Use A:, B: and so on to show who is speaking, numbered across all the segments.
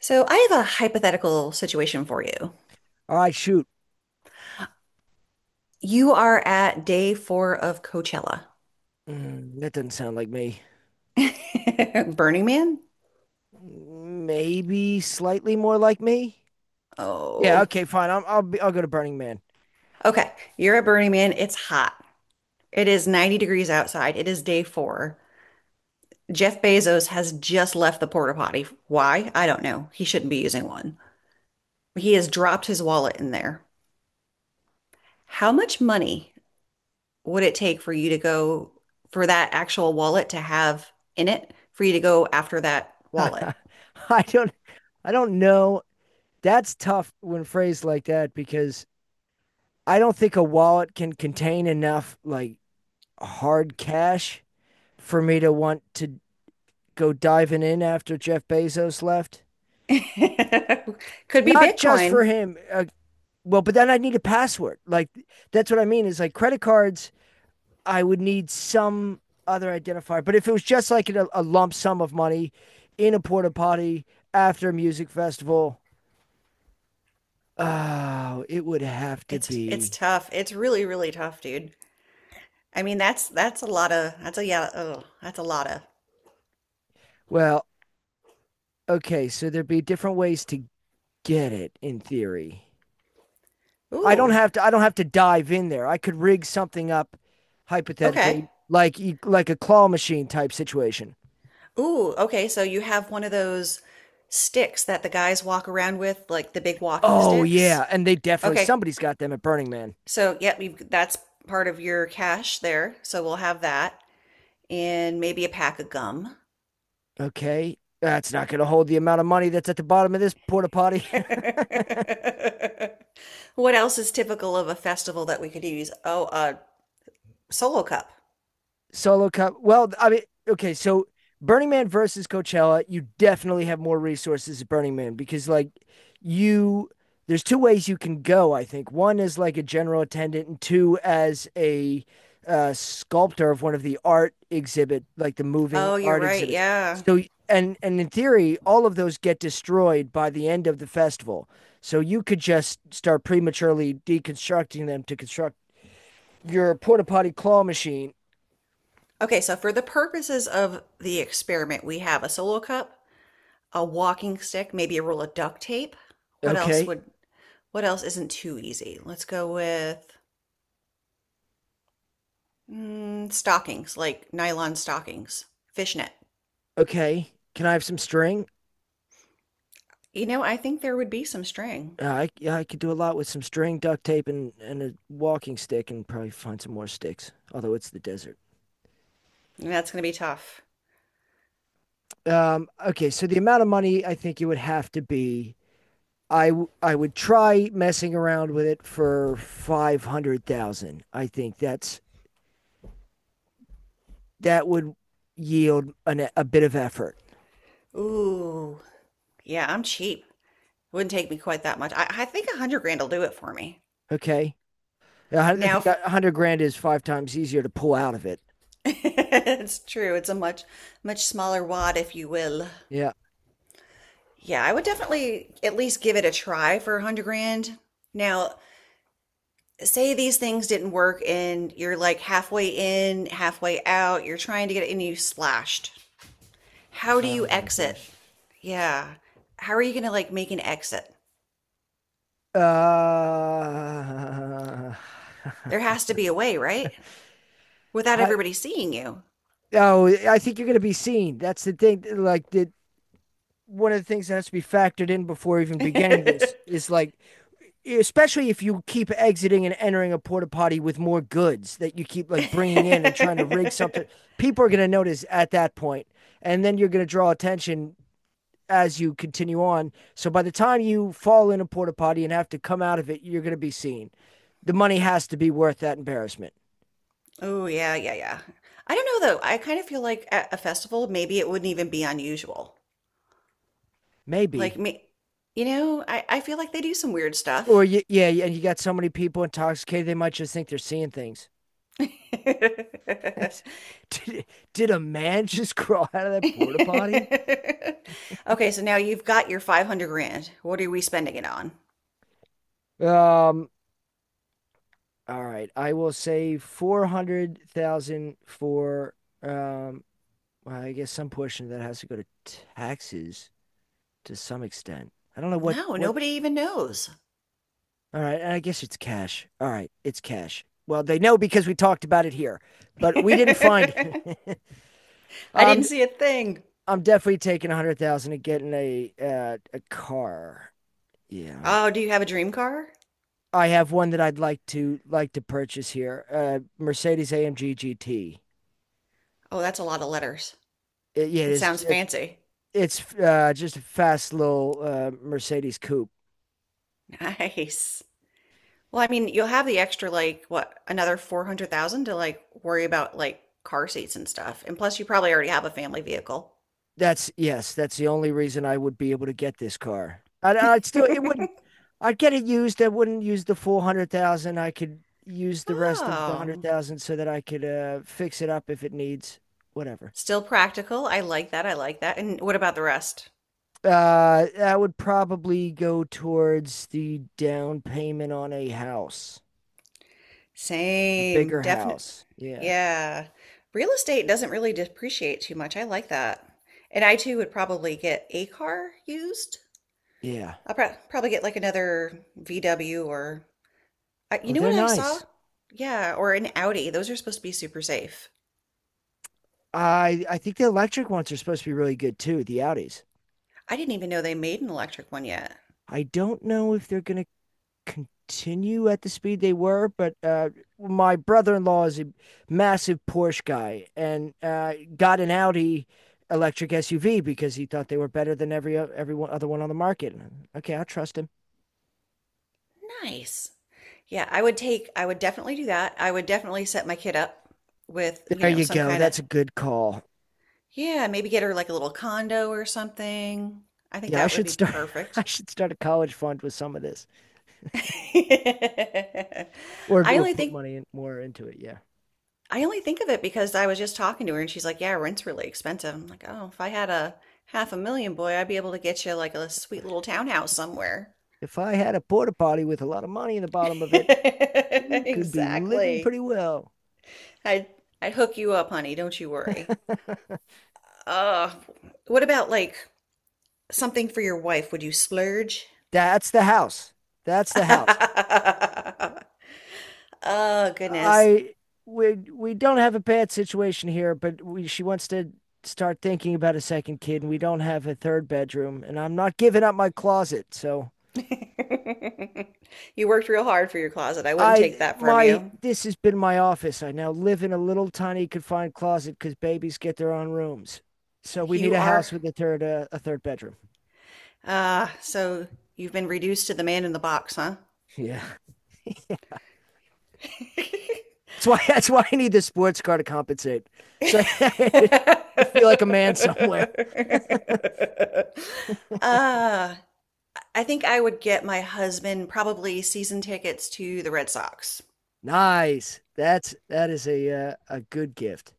A: So I have a hypothetical situation for you.
B: All right, shoot.
A: You are at day four of Coachella.
B: That doesn't sound like me.
A: Burning Man?
B: Maybe slightly more like me. Yeah.
A: Oh,
B: Okay. Fine. I'll go to Burning Man.
A: okay. You're at Burning Man. It's hot. It is 90 degrees outside. It is day four. Jeff Bezos has just left the porta potty. Why? I don't know. He shouldn't be using one. He has dropped his wallet in there. How much money would it take for you to go, for that actual wallet to have in it for you to go after that wallet?
B: I don't. I don't know. That's tough when phrased like that because I don't think a wallet can contain enough like hard cash for me to want to go diving in after Jeff Bezos left.
A: Could be
B: Not just for
A: Bitcoin.
B: him. Well, but then I need a password. Like that's what I mean is like credit cards I would need some other identifier. But if it was just like a lump sum of money in a porta potty after a music festival, oh, it would have to
A: It's
B: be.
A: tough. It's really, really tough, dude. I mean, that's a lot of, that's a, yeah. Oh, that's a lot of.
B: Well, okay, so there'd be different ways to get it in theory. I don't
A: Ooh,
B: have to. I don't have to dive in there. I could rig something up,
A: okay.
B: hypothetically, like a claw machine type situation.
A: Ooh, okay. So you have one of those sticks that the guys walk around with, like the big walking
B: Oh
A: sticks.
B: yeah, and they definitely
A: Okay.
B: somebody's got them at Burning Man.
A: So, yep, that's part of your cash there. So we'll have that and maybe a pack of gum.
B: Okay. That's not going to hold the amount of money that's at the bottom of this porta potty.
A: What else is typical of a festival that we could use? Oh, a solo cup.
B: Solo cup. Well, I mean, okay, so Burning Man versus Coachella, you definitely have more resources at Burning Man because like you there's two ways you can go, I think. One is like a general attendant and two as a sculptor of one of the art exhibit, like the moving
A: Oh, you're
B: art
A: right.
B: exhibits.
A: Yeah.
B: So and in theory, all of those get destroyed by the end of the festival. So you could just start prematurely deconstructing them to construct your porta potty claw machine.
A: Okay, so for the purposes of the experiment, we have a solo cup, a walking stick, maybe a roll of duct tape. What else
B: Okay,
A: would, what else isn't too easy? Let's go with stockings, like nylon stockings, fishnet.
B: Okay, can I have some string?
A: You know, I think there would be some string.
B: I yeah, I could do a lot with some string, duct tape, and a walking stick, and probably find some more sticks. Although it's the desert.
A: That's going to be tough.
B: Okay, so the amount of money I think it would have to be, I would try messing around with it for 500,000. I think that would yield a bit of effort.
A: Ooh, yeah, I'm cheap. Wouldn't take me quite that much. I think 100 grand will do it for me.
B: Okay, I
A: Now,
B: think 100 grand is five times easier to pull out of it.
A: it's true. It's a much, much smaller wad, if you will.
B: Yeah.
A: Yeah, I would definitely at least give it a try for 100 grand. Now, say these things didn't work and you're like halfway in, halfway out, you're trying to get it and you splashed. How do you
B: Oh my
A: exit?
B: gosh.
A: Yeah. How are you gonna like make an exit?
B: Uh,
A: There has to be a way, right? Without
B: I,
A: everybody seeing you.
B: oh, I think you're going to be seen. That's the thing. Like the one of the things that has to be factored in before even beginning this is like, especially if you keep exiting and entering a porta potty with more goods that you keep like bringing in and trying to rig something. People are going to notice at that point, and then you're going to draw attention as you continue on. So by the time you fall in a porta potty and have to come out of it, you're going to be seen. The money has to be worth that embarrassment.
A: Oh, yeah, yeah, yeah. I don't know though. I kind of feel like at a festival, maybe it wouldn't even be unusual. Like
B: Maybe.
A: me, you know, I feel like they do some weird stuff.
B: Yeah, and you got so many people intoxicated, they might just think they're seeing things. did, did a man just crawl out of that porta potty?
A: Okay, so now you've got your 500 grand. What are we spending it on?
B: Um. All right, I will say $400,000 for. Um. Well, I guess some portion of that has to go to taxes to some extent. I don't know what
A: No,
B: what.
A: nobody even knows.
B: All right, I guess it's cash. All right, it's cash. Well, they know because we talked about it here, but we didn't find
A: I
B: it. Um,
A: didn't see a thing.
B: I'm definitely taking 100,000 and getting a car. Yeah,
A: Oh, do you have a dream car?
B: I have one that I'd like to purchase here. Mercedes AMG GT.
A: Oh, that's a lot of letters.
B: Yeah, it
A: It
B: is.
A: sounds
B: It's
A: fancy.
B: it's just a fast little Mercedes coupe.
A: Nice. Well, I mean, you'll have the extra, like, what, another 400,000 to, like, worry about, like, car seats and stuff. And plus, you probably already have a family vehicle.
B: That's Yes. That's the only reason I would be able to get this car. I'd still it wouldn't. I'd get it used. I wouldn't use the full 100,000. I could use the rest of the hundred
A: Oh,
B: thousand so that I could fix it up if it needs whatever.
A: still practical. I like that. I like that. And what about the rest?
B: That would probably go towards the down payment on a house, a
A: Same,
B: bigger
A: definite.
B: house. Yeah.
A: Yeah. Real estate doesn't really depreciate too much. I like that. And I too would probably get a car used.
B: Yeah.
A: I'll probably get like another VW or you
B: Oh,
A: know
B: they're
A: what I saw?
B: nice.
A: Yeah, or an Audi. Those are supposed to be super safe.
B: I think the electric ones are supposed to be really good too, the Audis.
A: I didn't even know they made an electric one yet.
B: I don't know if they're going to continue at the speed they were, but my brother-in-law is a massive Porsche guy and got an Audi electric SUV because he thought they were better than every other one on the market. Okay, I trust him.
A: Nice. Yeah, I would definitely do that. I would definitely set my kid up with, you
B: There
A: know,
B: you
A: some
B: go.
A: kind of.
B: That's a good call.
A: Yeah, maybe get her like a little condo or something. I think
B: Yeah, I
A: that would
B: should
A: be
B: start I
A: perfect.
B: should start a college fund with some of this
A: I
B: or
A: only
B: put
A: think
B: money in, more into it. Yeah.
A: I only think of it because I was just talking to her and she's like, "Yeah, rent's really expensive." I'm like, "Oh, if I had a half a million, boy, I'd be able to get you like a sweet little townhouse somewhere."
B: If I had a porta potty with a lot of money in the bottom of it, you could be living
A: Exactly.
B: pretty well.
A: I'd I'd hook you up, honey. Don't you worry. Uh, what about like something for your wife? Would you splurge?
B: That's the house. That's the house.
A: Oh, goodness.
B: I we don't have a bad situation here, but we she wants to start thinking about a second kid and we don't have a third bedroom and I'm not giving up my closet. So
A: You worked real hard for your closet. I wouldn't take
B: I
A: that from
B: my
A: you.
B: this has been my office. I now live in a little tiny confined closet because babies get their own rooms. So we need
A: You
B: a
A: are,
B: house with a third bedroom.
A: so you've been reduced to the man in the box, huh?
B: Yeah, that's why that's why I need the sports car to compensate. So I just feel like a man somewhere.
A: Uh, I think I would get my husband probably season tickets to the Red Sox.
B: Nice. That is a good gift.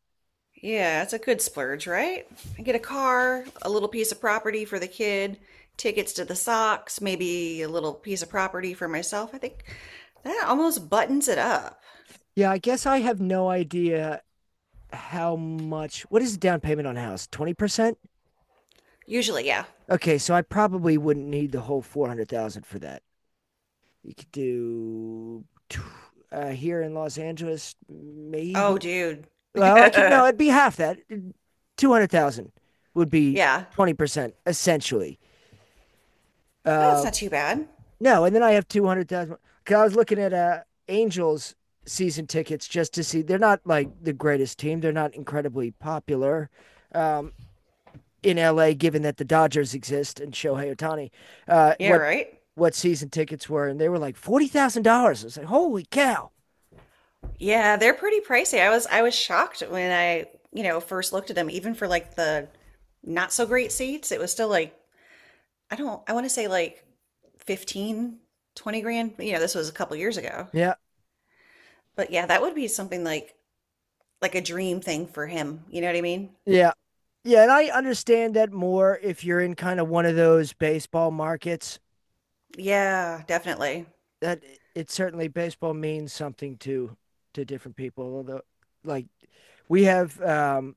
A: Yeah, it's a good splurge, right? I get a car, a little piece of property for the kid, tickets to the Sox, maybe a little piece of property for myself. I think that almost buttons it up.
B: Yeah, I guess I have no idea how much. What is the down payment on a house? 20%.
A: Usually, yeah.
B: Okay, so I probably wouldn't need the whole 400,000 for that. You could do here in Los Angeles, maybe.
A: Oh, dude.
B: Well, I could no, it'd be half that. 200,000 would be
A: Yeah.
B: 20% essentially.
A: Yeah, that's
B: Uh,
A: not too bad.
B: no, and then I have 200,000. Cause I was looking at Angels season tickets just to see. They're not like the greatest team. They're not incredibly popular. Um, in LA, given that the Dodgers exist and Shohei Otani, uh,
A: Yeah,
B: what
A: right?
B: what season tickets were, and they were like $40,000. I was like, holy cow!
A: Yeah, they're pretty pricey. I was shocked when I, you know, first looked at them, even for like the not so great seats, it was still like I don't, I want to say like 15, 20 grand. You know, this was a couple years ago.
B: Yeah,
A: But yeah, that would be something like a dream thing for him. You know what I mean?
B: yeah. Yeah, and I understand that more if you're in kind of one of those baseball markets
A: Yeah, definitely.
B: that it certainly baseball means something to different people. Although like we have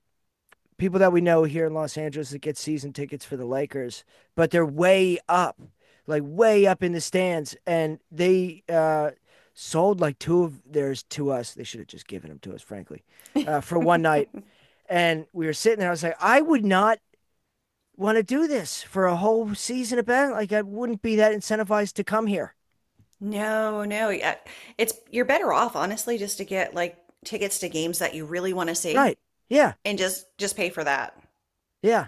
B: people that we know here in Los Angeles that get season tickets for the Lakers, but they're way up, like way up in the stands and they sold like two of theirs to us. They should have just given them to us, frankly, for one night. And we were sitting there. I was like, I would not want to do this for a whole season of bad. Like I wouldn't be that incentivized to come here.
A: No, no. Yeah. It's you're better off honestly just to get like tickets to games that you really want to see
B: Right. Yeah.
A: and just pay for that.
B: Yeah.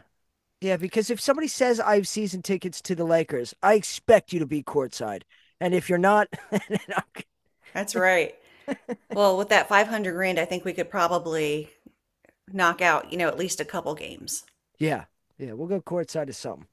B: Yeah. Because if somebody says I have season tickets to the Lakers, I expect you to be courtside. And if you're not,
A: That's right. Well, with that 500 grand, I think we could probably knock out, you know, at least a couple games.
B: yeah. Yeah. We'll go courtside to something.